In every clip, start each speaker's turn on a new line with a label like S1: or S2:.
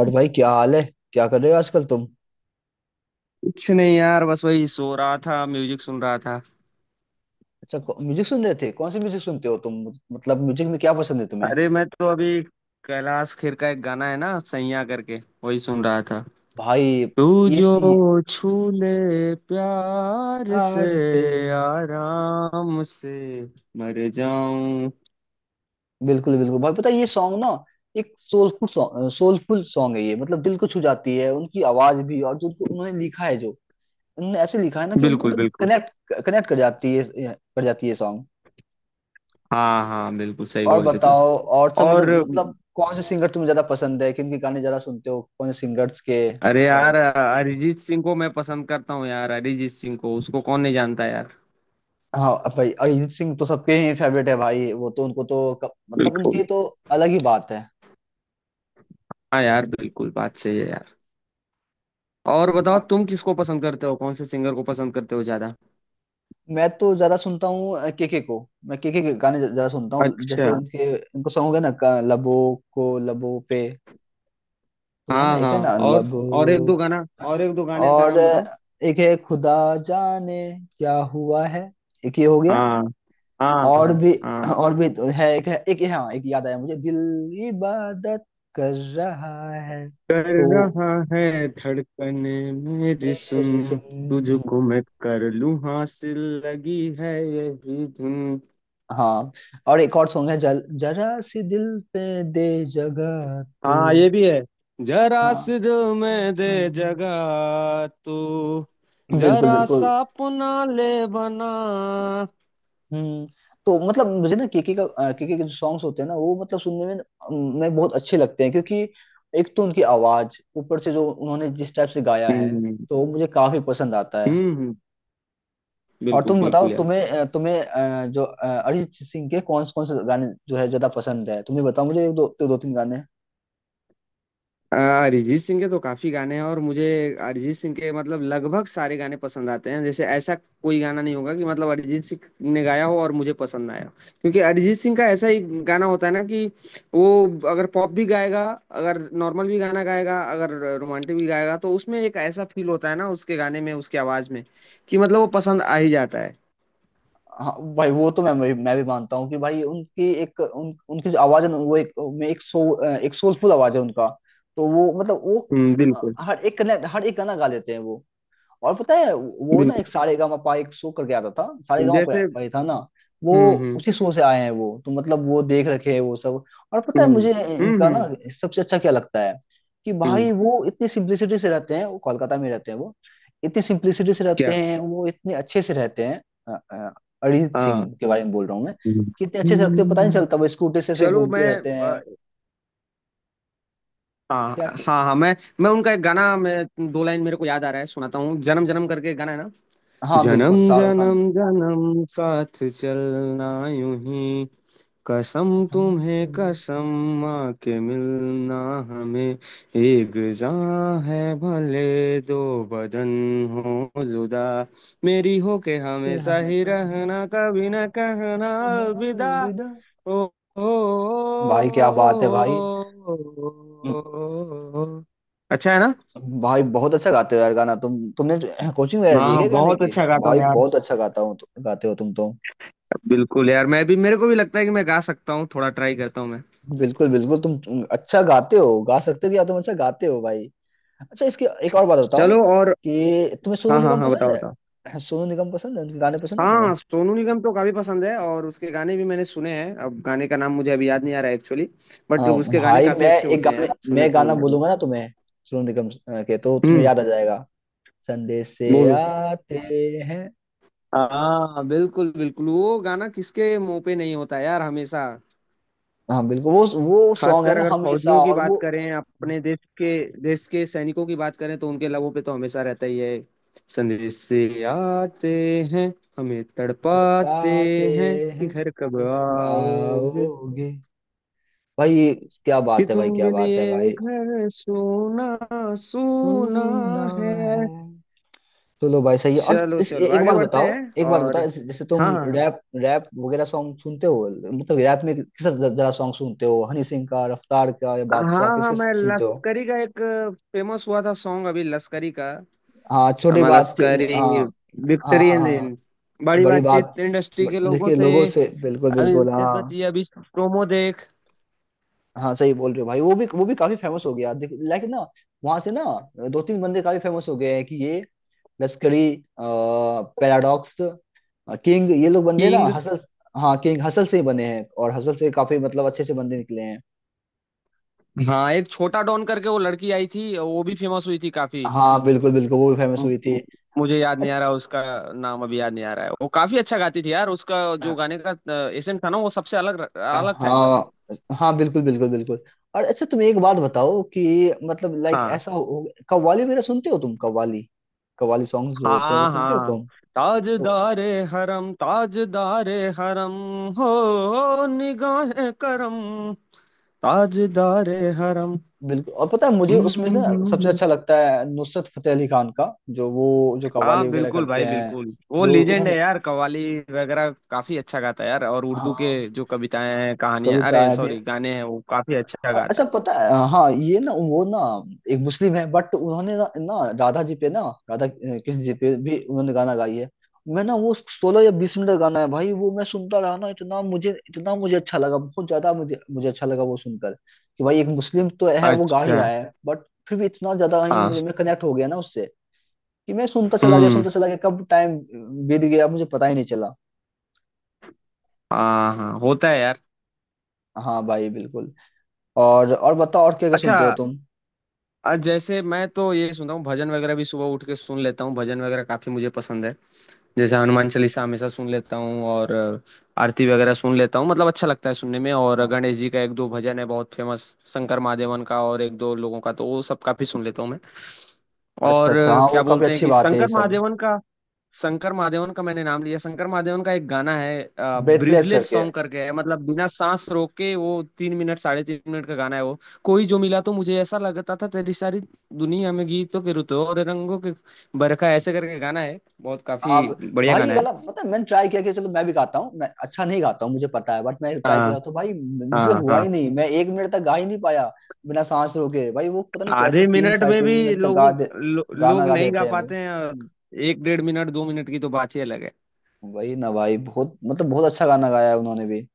S1: और भाई क्या हाल है। क्या कर रहे हो आजकल तुम।
S2: कुछ नहीं यार। बस वही सो रहा था, म्यूजिक सुन रहा था।
S1: अच्छा म्यूजिक सुन रहे थे। कौन सी म्यूजिक सुनते हो तुम। मतलब म्यूजिक में क्या पसंद है तुम्हें।
S2: अरे, मैं तो अभी कैलाश खेर का एक गाना है ना, सैया करके, वही सुन रहा था।
S1: भाई
S2: तू
S1: ये,
S2: जो
S1: ये
S2: छू ले प्यार से,
S1: प्यार से।
S2: आराम से मर जाऊं।
S1: बिल्कुल बिल्कुल भाई, पता है ये सॉन्ग ना। एक सोलफुल सॉन्ग, सोलफुल सॉन्ग है ये। मतलब दिल को छू जाती है उनकी आवाज भी, और जो उनको उन्होंने लिखा है। जो उन्होंने ऐसे लिखा है ना कि
S2: बिल्कुल
S1: मतलब
S2: बिल्कुल।
S1: कनेक्ट कनेक्ट कर जाती है सॉन्ग।
S2: हाँ हाँ, बिल्कुल सही
S1: और
S2: बोले तुम।
S1: बताओ, और सब
S2: और
S1: मतलब कौन से सिंगर तुम्हें ज्यादा पसंद है, किन के गाने ज्यादा सुनते हो, कौन से सिंगर्स के।
S2: अरे
S1: और
S2: यार, अरिजीत सिंह को मैं पसंद करता हूँ यार। अरिजीत सिंह को उसको कौन नहीं जानता यार।
S1: हाँ भाई, अरिजीत सिंह तो सबके ही फेवरेट है भाई। वो तो उनको तो मतलब उनकी
S2: बिल्कुल।
S1: तो अलग ही बात है।
S2: हाँ यार, बिल्कुल बात सही है यार। और बताओ, तुम किसको पसंद करते हो, कौन से सिंगर को पसंद करते हो ज्यादा।
S1: मैं तो ज्यादा सुनता हूँ केके को। मैं केके के गाने ज्यादा सुनता हूँ। जैसे
S2: अच्छा।
S1: उनके उनको सॉन्ग है ना का- लबों को लबों पे, तो है ना,
S2: हाँ
S1: एक
S2: हाँ।
S1: है ना,
S2: और और एक
S1: लबों।
S2: दो गाना, और एक दो गाने का
S1: और
S2: नाम बताओ।
S1: एक है खुदा जाने क्या हुआ है, एक ये हो गया।
S2: हाँ। हाँ
S1: और
S2: हाँ।
S1: भी,
S2: हाँ।
S1: और भी तो है। एक है, एक, हाँ एक याद आया मुझे, दिल इबादत कर रहा है,
S2: कर
S1: तो
S2: रहा है धड़कन, मेरी
S1: मेरी
S2: सुन,
S1: सुन।
S2: तुझको मैं कर लूं हासिल, लगी है यही धुन।
S1: हाँ, और एक और सॉन्ग है, जरा सी दिल पे दे जगह तू।
S2: हाँ, ये भी है। जरा
S1: हाँ
S2: सी दिल में दे जगह तू,
S1: बिल्कुल
S2: जरा
S1: बिल्कुल।
S2: सा अपना ले बना।
S1: हम्म। तो मतलब मुझे ना केके के जो सॉन्ग्स होते हैं ना, वो मतलब सुनने में बहुत अच्छे लगते हैं, क्योंकि एक तो उनकी आवाज, ऊपर से जो उन्होंने जिस टाइप से गाया है,
S2: हम्म।
S1: तो मुझे काफी पसंद आता है।
S2: हम्म,
S1: और
S2: बिल्कुल
S1: तुम बताओ।
S2: बिल्कुल यार।
S1: तुम्हें अरिजीत सिंह के कौन कौन से गाने जो है ज्यादा पसंद है तुम्हें, बताओ मुझे एक दो दो, दो तीन गाने।
S2: अरिजीत सिंह के तो काफी गाने हैं, और मुझे अरिजीत सिंह के मतलब लगभग सारे गाने पसंद आते हैं। जैसे ऐसा कोई गाना नहीं होगा कि मतलब अरिजीत सिंह ने गाया हो और मुझे पसंद ना आया हो। क्योंकि अरिजीत सिंह का ऐसा ही गाना होता है ना कि वो अगर पॉप भी गाएगा, अगर नॉर्मल भी गाना गाएगा, अगर रोमांटिक भी गाएगा, तो उसमें एक ऐसा फील होता है ना, उसके गाने में उसकी आवाज में, कि मतलब वो पसंद आ ही जाता है।
S1: हाँ भाई वो तो मैं भी मानता हूँ, कि भाई उनकी जो आवाज है ना, वो एक में एक सो एक सोलफुल आवाज है उनका, तो वो मतलब वो।
S2: हम्म,
S1: हाँ,
S2: बिल्कुल
S1: हर एक गाना गा लेते हैं वो। और पता है वो ना,
S2: बिल्कुल।
S1: एक सारेगामापा, एक शो करके आता था। सारेगामापा
S2: जैसे
S1: पे था ना वो।
S2: हम्म।
S1: उसी शो से आए हैं वो, तो मतलब वो देख रखे हैं वो सब। और पता है
S2: हम्म
S1: मुझे
S2: हम्म
S1: इनका ना,
S2: हम्म
S1: सबसे अच्छा क्या लगता है? कि
S2: हम्म,
S1: भाई वो इतनी सिंप्लिसिटी से रहते हैं, वो कोलकाता में रहते हैं, वो इतनी सिंप्लिसिटी से रहते
S2: क्या?
S1: हैं, वो इतने अच्छे से रहते हैं। अ, अ, अरिजीत
S2: हाँ।
S1: सिंह के बारे में बोल रहा हूँ मैं।
S2: हम्म।
S1: कि इतने अच्छे से रखते हैं, पता नहीं
S2: हम्म।
S1: चलता, वो स्कूटी से ऐसे
S2: चलो
S1: घूमते
S2: मैं
S1: रहते हैं।
S2: हाँ।
S1: क्या क्या।
S2: हाँ हाँ। मैं उनका एक गाना, मैं दो लाइन मेरे को याद आ रहा है, सुनाता हूँ। जन्म जन्म करके गाना है ना।
S1: हाँ बिल्कुल,
S2: जन्म
S1: शाहरुख खान।
S2: जन्म जन्म साथ चलना यूं ही, कसम
S1: कसम
S2: तुम्हें
S1: से।
S2: कसम, माँ के मिलना हमें, एक जान है भले दो बदन हो जुदा, मेरी हो के
S1: के
S2: हमेशा ही
S1: हमेशा ही
S2: रहना, कभी न कहना
S1: रहना
S2: अलविदा।
S1: अलविदा।
S2: ओ ओ।
S1: भाई क्या बात है भाई।
S2: अच्छा है ना?
S1: भाई बहुत अच्छा गाते हो यार गाना, तुमने कोचिंग वगैरह ली है
S2: हाँ,
S1: क्या गाने
S2: बहुत
S1: की?
S2: अच्छा गाता हूँ
S1: भाई
S2: यार।
S1: बहुत अच्छा गाता हो गाते हो तुम तो।
S2: बिल्कुल यार, मैं भी मेरे को भी लगता है कि मैं गा सकता हूँ, थोड़ा ट्राई करता हूँ मैं।
S1: बिल्कुल बिल्कुल तुम अच्छा गाते हो, गा सकते हो, या तुम अच्छा गाते हो भाई। अच्छा, इसकी एक और बात बताओ,
S2: चलो। और
S1: कि तुम्हें सोनू
S2: हाँ हाँ,
S1: निगम
S2: हाँ
S1: पसंद
S2: बताओ बताओ।
S1: है सोनू निगम पसंद है उनके गाने पसंद है तुम्हें?
S2: हाँ, सोनू निगम तो काफी पसंद है, और उसके गाने भी मैंने सुने हैं। अब गाने का नाम मुझे अभी याद नहीं आ रहा है एक्चुअली, बट
S1: हाँ,
S2: उसके गाने
S1: भाई
S2: काफी
S1: मैं
S2: अच्छे
S1: एक
S2: होते हैं
S1: गाने
S2: यार, सुने
S1: मैं
S2: हूँ
S1: गाना
S2: मैं भी।
S1: बोलूंगा ना तुम्हें, सोनू निगम के, तो तुम्हें
S2: हम्म।
S1: याद आ जाएगा। संदेश से
S2: बोलो।
S1: आते हैं।
S2: हाँ बिल्कुल बिल्कुल, वो गाना किसके मुंह पे नहीं होता यार, हमेशा।
S1: हाँ बिल्कुल, वो सॉन्ग है
S2: खासकर
S1: ना,
S2: अगर
S1: हमेशा।
S2: फौजियों की
S1: और वो
S2: बात करें, अपने देश के, देश के सैनिकों की बात करें, तो उनके लबों पे तो हमेशा रहता ही है। संदेश से आते हैं, हमें
S1: उतर
S2: तड़पाते
S1: पाते
S2: हैं, कि
S1: हैं,
S2: घर कब
S1: तुम
S2: आओगे,
S1: आओगे। भाई क्या
S2: कि
S1: बात है
S2: तुम
S1: भाई, क्या
S2: बिन
S1: बात है
S2: ये
S1: भाई।
S2: घर सोना सोना
S1: सुना
S2: है।
S1: है। चलो भाई, सही है। और
S2: चलो चलो,
S1: एक
S2: आगे
S1: बात
S2: बढ़ते
S1: बताओ,
S2: हैं।
S1: एक बात
S2: और
S1: बताओ, जैसे तुम
S2: हाँ हाँ। हाँ
S1: रैप, रैप वगैरह सॉन्ग सुनते हो, मतलब रैप में किस जरा सॉन्ग सुनते हो? हनी सिंह का? रफ्तार का? या
S2: हाँ
S1: बादशाह?
S2: हाँ,
S1: किसके
S2: मैं
S1: सुनते हो?
S2: लश्करी का एक फेमस हुआ था सॉन्ग अभी, लश्करी का।
S1: हाँ, छोटी
S2: हमारा
S1: बात। हाँ
S2: लश्करी
S1: हाँ
S2: विक्ट्री
S1: हाँ
S2: एंड
S1: हाँ।
S2: इन, बड़ी
S1: बड़ी बात,
S2: बातचीत इंडस्ट्री
S1: बट
S2: के लोगों
S1: देखिए
S2: से,
S1: लोगों से, बिल्कुल
S2: अभी
S1: बिल्कुल,
S2: इज्जत
S1: हाँ।
S2: बची अभी प्रोमो देख।
S1: हाँ सही बोल रहे हो भाई, वो भी काफी फेमस हो गया। देखिए, लाइक ना, वहां से ना, दो तीन बंदे काफी फेमस हो गए हैं, कि ये लश्करी, पैराडॉक्स, किंग, ये लोग बंदे ना,
S2: किंग।
S1: हसल। हाँ किंग, हसल से ही बने हैं, और हसल से काफी मतलब अच्छे से बंदे निकले हैं।
S2: हाँ, एक छोटा डॉन करके वो लड़की आई थी, वो भी फेमस हुई थी काफी।
S1: हाँ बिल्कुल बिल्कुल, वो भी फेमस
S2: म-
S1: हुई
S2: म- मुझे याद नहीं आ रहा उसका नाम, अभी याद नहीं आ रहा है। वो काफी अच्छा गाती थी यार, उसका जो
S1: थी।
S2: गाने का एसेंट था ना, वो सबसे अलग अलग था एकदम।
S1: हाँ हाँ बिल्कुल बिल्कुल बिल्कुल। और अच्छा, तुम एक बात बताओ, कि मतलब लाइक ऐसा कव्वाली वगैरह सुनते हो तुम? कव्वाली कव्वाली सॉन्ग जो होते हैं वो
S2: हाँ
S1: सुनते हो
S2: हाँ।
S1: तुम? तो
S2: ताजदारे हरम, ताजदारे हरम, हो निगाहे करम, ताजदारे हरम।
S1: बिल्कुल, और पता है मुझे
S2: हम्म,
S1: उसमें से
S2: हम्म,
S1: ना, सबसे
S2: हम्म।
S1: अच्छा लगता है नुसरत फतेह अली खान का, जो कव्वाली
S2: हाँ
S1: वगैरह
S2: बिल्कुल
S1: करते
S2: भाई
S1: हैं,
S2: बिल्कुल, वो
S1: जो
S2: लीजेंड
S1: उन्होंने।
S2: है यार। कव्वाली वगैरह काफी अच्छा गाता है यार, और उर्दू के
S1: हाँ,
S2: जो कविताएं हैं, कहानियां, अरे
S1: कविताएं भी।
S2: सॉरी, गाने हैं, वो काफी अच्छा
S1: और अच्छा,
S2: गाता
S1: पता है हाँ, ये ना, वो ना, एक मुस्लिम है, बट उन्होंने ना, राधा जी पे ना, राधा कृष्ण जी पे भी उन्होंने गाना गाई है। मैं ना वो 16 या 20 मिनट का गाना है भाई, वो मैं सुनता रहा ना, इतना मुझे अच्छा लगा, बहुत ज्यादा मुझे मुझे अच्छा लगा वो सुनकर, कि भाई एक मुस्लिम तो
S2: है।
S1: है, वो गा ही
S2: अच्छा।
S1: रहा है, बट फिर भी इतना ज्यादा ही
S2: हाँ।
S1: मुझे मैं कनेक्ट हो गया ना उससे, कि मैं सुनता चला गया,
S2: हम्म।
S1: सुनता चला गया, कब टाइम बीत गया मुझे पता ही नहीं चला।
S2: हाँ हाँ, होता है यार।
S1: हाँ भाई बिल्कुल। और बताओ, और क्या क्या
S2: अच्छा।
S1: सुनते हो तुम?
S2: और जैसे मैं तो ये सुनता हूँ, भजन वगैरह भी सुबह उठ के सुन लेता हूँ, भजन वगैरह काफी मुझे पसंद है। जैसे हनुमान चालीसा हमेशा सुन लेता हूँ, और आरती वगैरह सुन लेता हूँ, मतलब अच्छा लगता है सुनने में। और
S1: हाँ,
S2: गणेश जी का एक दो भजन है बहुत फेमस, शंकर महादेवन का, और एक दो लोगों का, तो वो सब काफी सुन लेता हूँ मैं।
S1: अच्छा
S2: और
S1: अच्छा, हाँ वो
S2: क्या
S1: काफी
S2: बोलते हैं,
S1: अच्छी
S2: कि
S1: बात है ये
S2: शंकर
S1: सब।
S2: महादेवन का, शंकर महादेवन का मैंने नाम लिया, शंकर महादेवन का एक गाना है,
S1: ब्रेथलेस
S2: ब्रीदलेस
S1: करके।
S2: सॉन्ग करके है, मतलब बिना सांस रोक के वो 3 मिनट, साढ़े 3 मिनट का गाना है वो। कोई जो मिला तो मुझे ऐसा लगता था, तेरी सारी दुनिया में गीतों के रुतों और रंगों के बरखा, ऐसे करके गाना है, बहुत काफी
S1: आप
S2: बढ़िया
S1: भाई, ये
S2: गाना है।
S1: गाना पता है, मैंने ट्राई किया कि चलो मैं भी गाता हूँ, मैं अच्छा नहीं गाता हूँ मुझे पता है, बट मैं ट्राई
S2: हाँ
S1: किया, तो भाई मुझे
S2: हाँ
S1: हुआ
S2: हाँ।
S1: ही नहीं, मैं 1 मिनट तक गा ही नहीं पाया। बिना सांस रोके भाई, वो पता नहीं कैसे
S2: आधे
S1: तीन
S2: मिनट
S1: साढ़े
S2: में
S1: तीन
S2: भी
S1: मिनट तक गा
S2: लोगों,
S1: दे? गाना
S2: लोग
S1: गा
S2: नहीं गा
S1: देते हैं
S2: पाते
S1: वो।
S2: हैं, और एक डेढ़ मिनट 2 मिनट की तो बात ही अलग है।
S1: वही ना भाई, बहुत मतलब बहुत अच्छा गाना गाया है उन्होंने भी।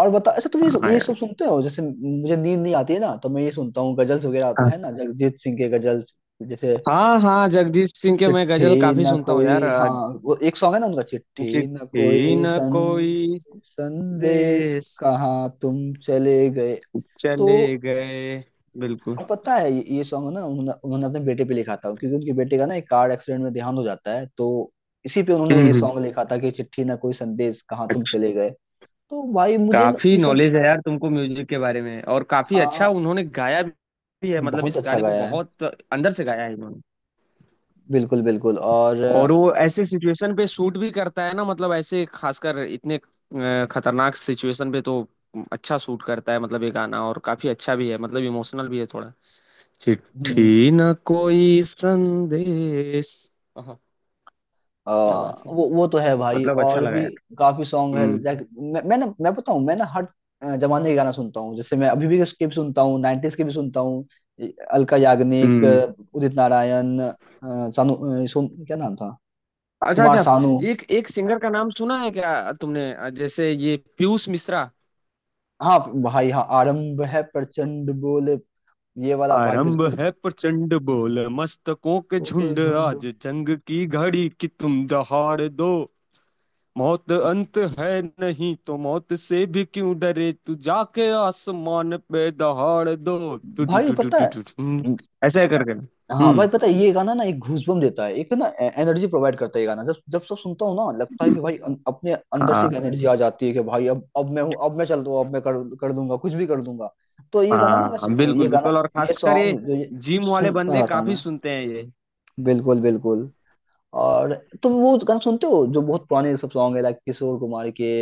S1: और बता, अच्छा तुम ये
S2: हाँ
S1: ये
S2: यार।
S1: सब सुनते हो? जैसे, मुझे नींद नहीं आती है ना, तो मैं ये सुनता हूँ गजल्स वगैरह,
S2: हाँ।
S1: है ना, जगजीत सिंह के गजल्स। जैसे
S2: हाँ हाँ, जगदीश सिंह के मैं गजल
S1: चिट्ठी
S2: काफी
S1: न
S2: सुनता हूँ
S1: कोई,
S2: यार।
S1: हाँ, वो एक सॉन्ग है ना उनका, चिट्ठी न
S2: चिट्ठी
S1: कोई
S2: न
S1: सन
S2: कोई
S1: संदेश,
S2: देश,
S1: कहाँ तुम चले गए, तो।
S2: चले गए। बिल्कुल।
S1: और पता है ये सॉन्ग ना, उन्होंने उन्होंने अपने बेटे पे लिखा था, क्योंकि उनके बेटे का ना, एक कार एक्सीडेंट में देहांत हो जाता है, तो इसी पे उन्होंने
S2: हम्म
S1: ये
S2: हम्म।
S1: सॉन्ग लिखा था, कि चिट्ठी न कोई संदेश कहाँ तुम चले गए, तो भाई मुझे ना
S2: काफी
S1: ये सब।
S2: नॉलेज है यार तुमको म्यूजिक के बारे में, और काफी अच्छा
S1: हाँ,
S2: उन्होंने गाया भी है, मतलब
S1: बहुत
S2: इस
S1: अच्छा
S2: गाने को
S1: गाया है।
S2: बहुत अंदर से गाया है इन्होंने।
S1: बिल्कुल बिल्कुल। और
S2: और वो ऐसे सिचुएशन पे शूट भी करता है ना, मतलब ऐसे खासकर इतने खतरनाक सिचुएशन पे, तो अच्छा शूट करता है। मतलब ये गाना और काफी अच्छा भी है, मतलब इमोशनल भी है थोड़ा।
S1: हम्म,
S2: चिट्ठी न कोई संदेश। आहा,
S1: आ,
S2: क्या बात है।
S1: वो तो है भाई।
S2: मतलब अच्छा
S1: और
S2: लगा
S1: भी
S2: यार।
S1: काफी सॉन्ग है
S2: हम्म।
S1: लाइक, मैं ना मैं बताऊं मैं ना, हर जमाने के गाना सुनता हूँ। जैसे मैं अभी भी उसके भी सुनता हूँ, 90s के भी सुनता हूँ, अलका याग्निक,
S2: हम्म।
S1: उदित नारायण, सानू, सोन, क्या नाम था,
S2: अच्छा
S1: कुमार
S2: अच्छा,
S1: सानू।
S2: एक एक सिंगर का नाम सुना है क्या तुमने, जैसे ये पीयूष मिश्रा?
S1: हाँ भाई, हाँ आरंभ है प्रचंड बोले, ये वाला भाई
S2: आरंभ
S1: बिल्कुल।
S2: है प्रचंड, बोल मस्तकों के
S1: को
S2: झुंड,
S1: झुंड।
S2: आज जंग की घड़ी कि तुम दहाड़ दो, मौत अंत है नहीं तो मौत से भी क्यों डरे, तू जाके आसमान पे दहाड़ दो। टू टू
S1: भाई
S2: टू टू
S1: पता
S2: टू टू टू।
S1: है,
S2: ऐसे करके।
S1: हाँ भाई
S2: हम्म।
S1: पता है, ये गाना ना एक घूसबम देता है, एक ना एनर्जी प्रोवाइड करता है ये गाना, जब जब सब सुनता हूँ ना, लगता है कि भाई, अपने अंदर से एक
S2: हाँ
S1: एनर्जी आ जाती है, कि भाई, अब मैं हूँ, अब मैं चल दूँ, अब मैं कर कर दूंगा, कुछ भी कर दूंगा। तो ये गाना ना मैं
S2: हाँ
S1: ये
S2: बिल्कुल
S1: गाना,
S2: बिल्कुल, और
S1: ये
S2: खासकर ये
S1: सॉन्ग जो, ये
S2: जिम वाले
S1: सुनता
S2: बंदे
S1: रहता हूँ
S2: काफी
S1: मैं।
S2: सुनते हैं ये।
S1: बिल्कुल बिल्कुल। और तुम वो गाना सुनते हो जो बहुत पुराने सब सॉन्ग है लाइक, किशोर कुमार के,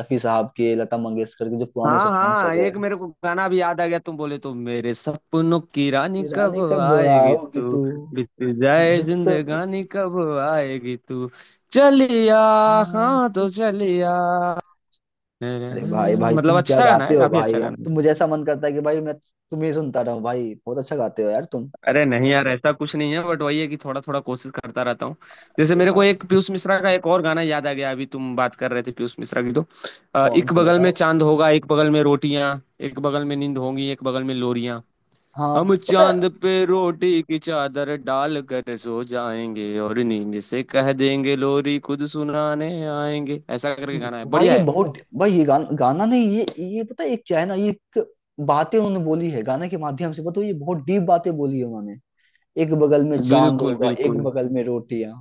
S1: रफी साहब के, लता मंगेशकर के, जो पुराने
S2: हाँ
S1: सब सॉन्ग
S2: हाँ,
S1: सब है।
S2: एक मेरे को गाना भी याद आ गया, तुम बोले तो, मेरे सपनों की रानी
S1: कि
S2: कब
S1: रानी कब
S2: आएगी
S1: आओगी
S2: तू,
S1: तू,
S2: बीत जाए जिंदगानी कब आएगी तू, चलिया। हाँ तो
S1: रुत।
S2: चलिया,
S1: अरे भाई भाई
S2: मतलब
S1: तुम क्या
S2: अच्छा गाना
S1: गाते
S2: है,
S1: हो
S2: काफी
S1: भाई,
S2: अच्छा
S1: अब
S2: गाना है।
S1: तो मुझे ऐसा मन करता है कि भाई मैं तुम्हें सुनता रहूं, भाई बहुत अच्छा गाते हो यार तुम।
S2: अरे नहीं यार, ऐसा कुछ नहीं है, बट वही है कि थोड़ा थोड़ा कोशिश करता रहता हूँ। जैसे
S1: अरे
S2: मेरे को
S1: भाई।
S2: एक पीयूष मिश्रा का एक और गाना याद आ गया अभी, तुम बात कर रहे थे पीयूष मिश्रा की तो,
S1: कौन
S2: एक
S1: सा
S2: बगल में
S1: बताओ?
S2: चांद होगा, एक बगल में रोटियां, एक बगल में नींद होंगी, एक बगल में लोरियां,
S1: हाँ
S2: हम
S1: पता है।
S2: चांद पे रोटी की चादर डाल कर सो जाएंगे, और नींद से कह देंगे लोरी खुद सुनाने आएंगे। ऐसा करके गाना है,
S1: भाई
S2: बढ़िया
S1: ये
S2: है।
S1: बहुत, भाई ये गाना गाना नहीं, ये, ये पता है ये क्या है ना, ये एक बातें उन्होंने बोली है गाने के माध्यम से, पता है ये बहुत डीप बातें बोली है उन्होंने, एक बगल में चांद
S2: बिल्कुल
S1: होगा, एक
S2: बिल्कुल
S1: बगल में रोटियां।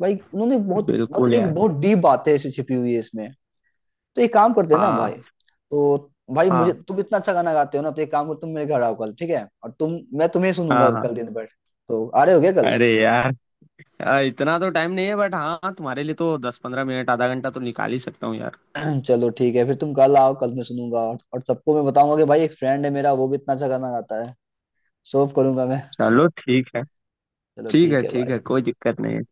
S1: भाई उन्होंने बहुत मतलब,
S2: बिल्कुल
S1: एक
S2: यार।
S1: बहुत डीप बात है, इसे छिपी हुई है इसमें। तो एक काम करते हैं ना भाई,
S2: हाँ
S1: तो भाई मुझे
S2: हाँ
S1: तुम इतना अच्छा गाना गाते हो ना, तो एक काम करो, तुम मेरे घर आओ कल, ठीक है, और तुम मैं तुम्हें
S2: हाँ
S1: सुनूंगा
S2: हाँ।
S1: कल दिन भर। तो आ रहे हो क्या कल?
S2: अरे यार इतना तो टाइम नहीं है, बट हाँ, तुम्हारे लिए तो 10 15 मिनट, आधा घंटा तो निकाल ही सकता हूँ यार।
S1: चलो ठीक है, फिर तुम कल आओ, कल मैं सुनूंगा, और सबको मैं बताऊंगा कि भाई एक फ्रेंड है मेरा, वो भी इतना अच्छा गाना गाता है। सर्व करूंगा मैं।
S2: चलो ठीक है।
S1: चलो
S2: ठीक
S1: ठीक
S2: है
S1: है
S2: ठीक है,
S1: भाई।
S2: कोई दिक्कत नहीं है।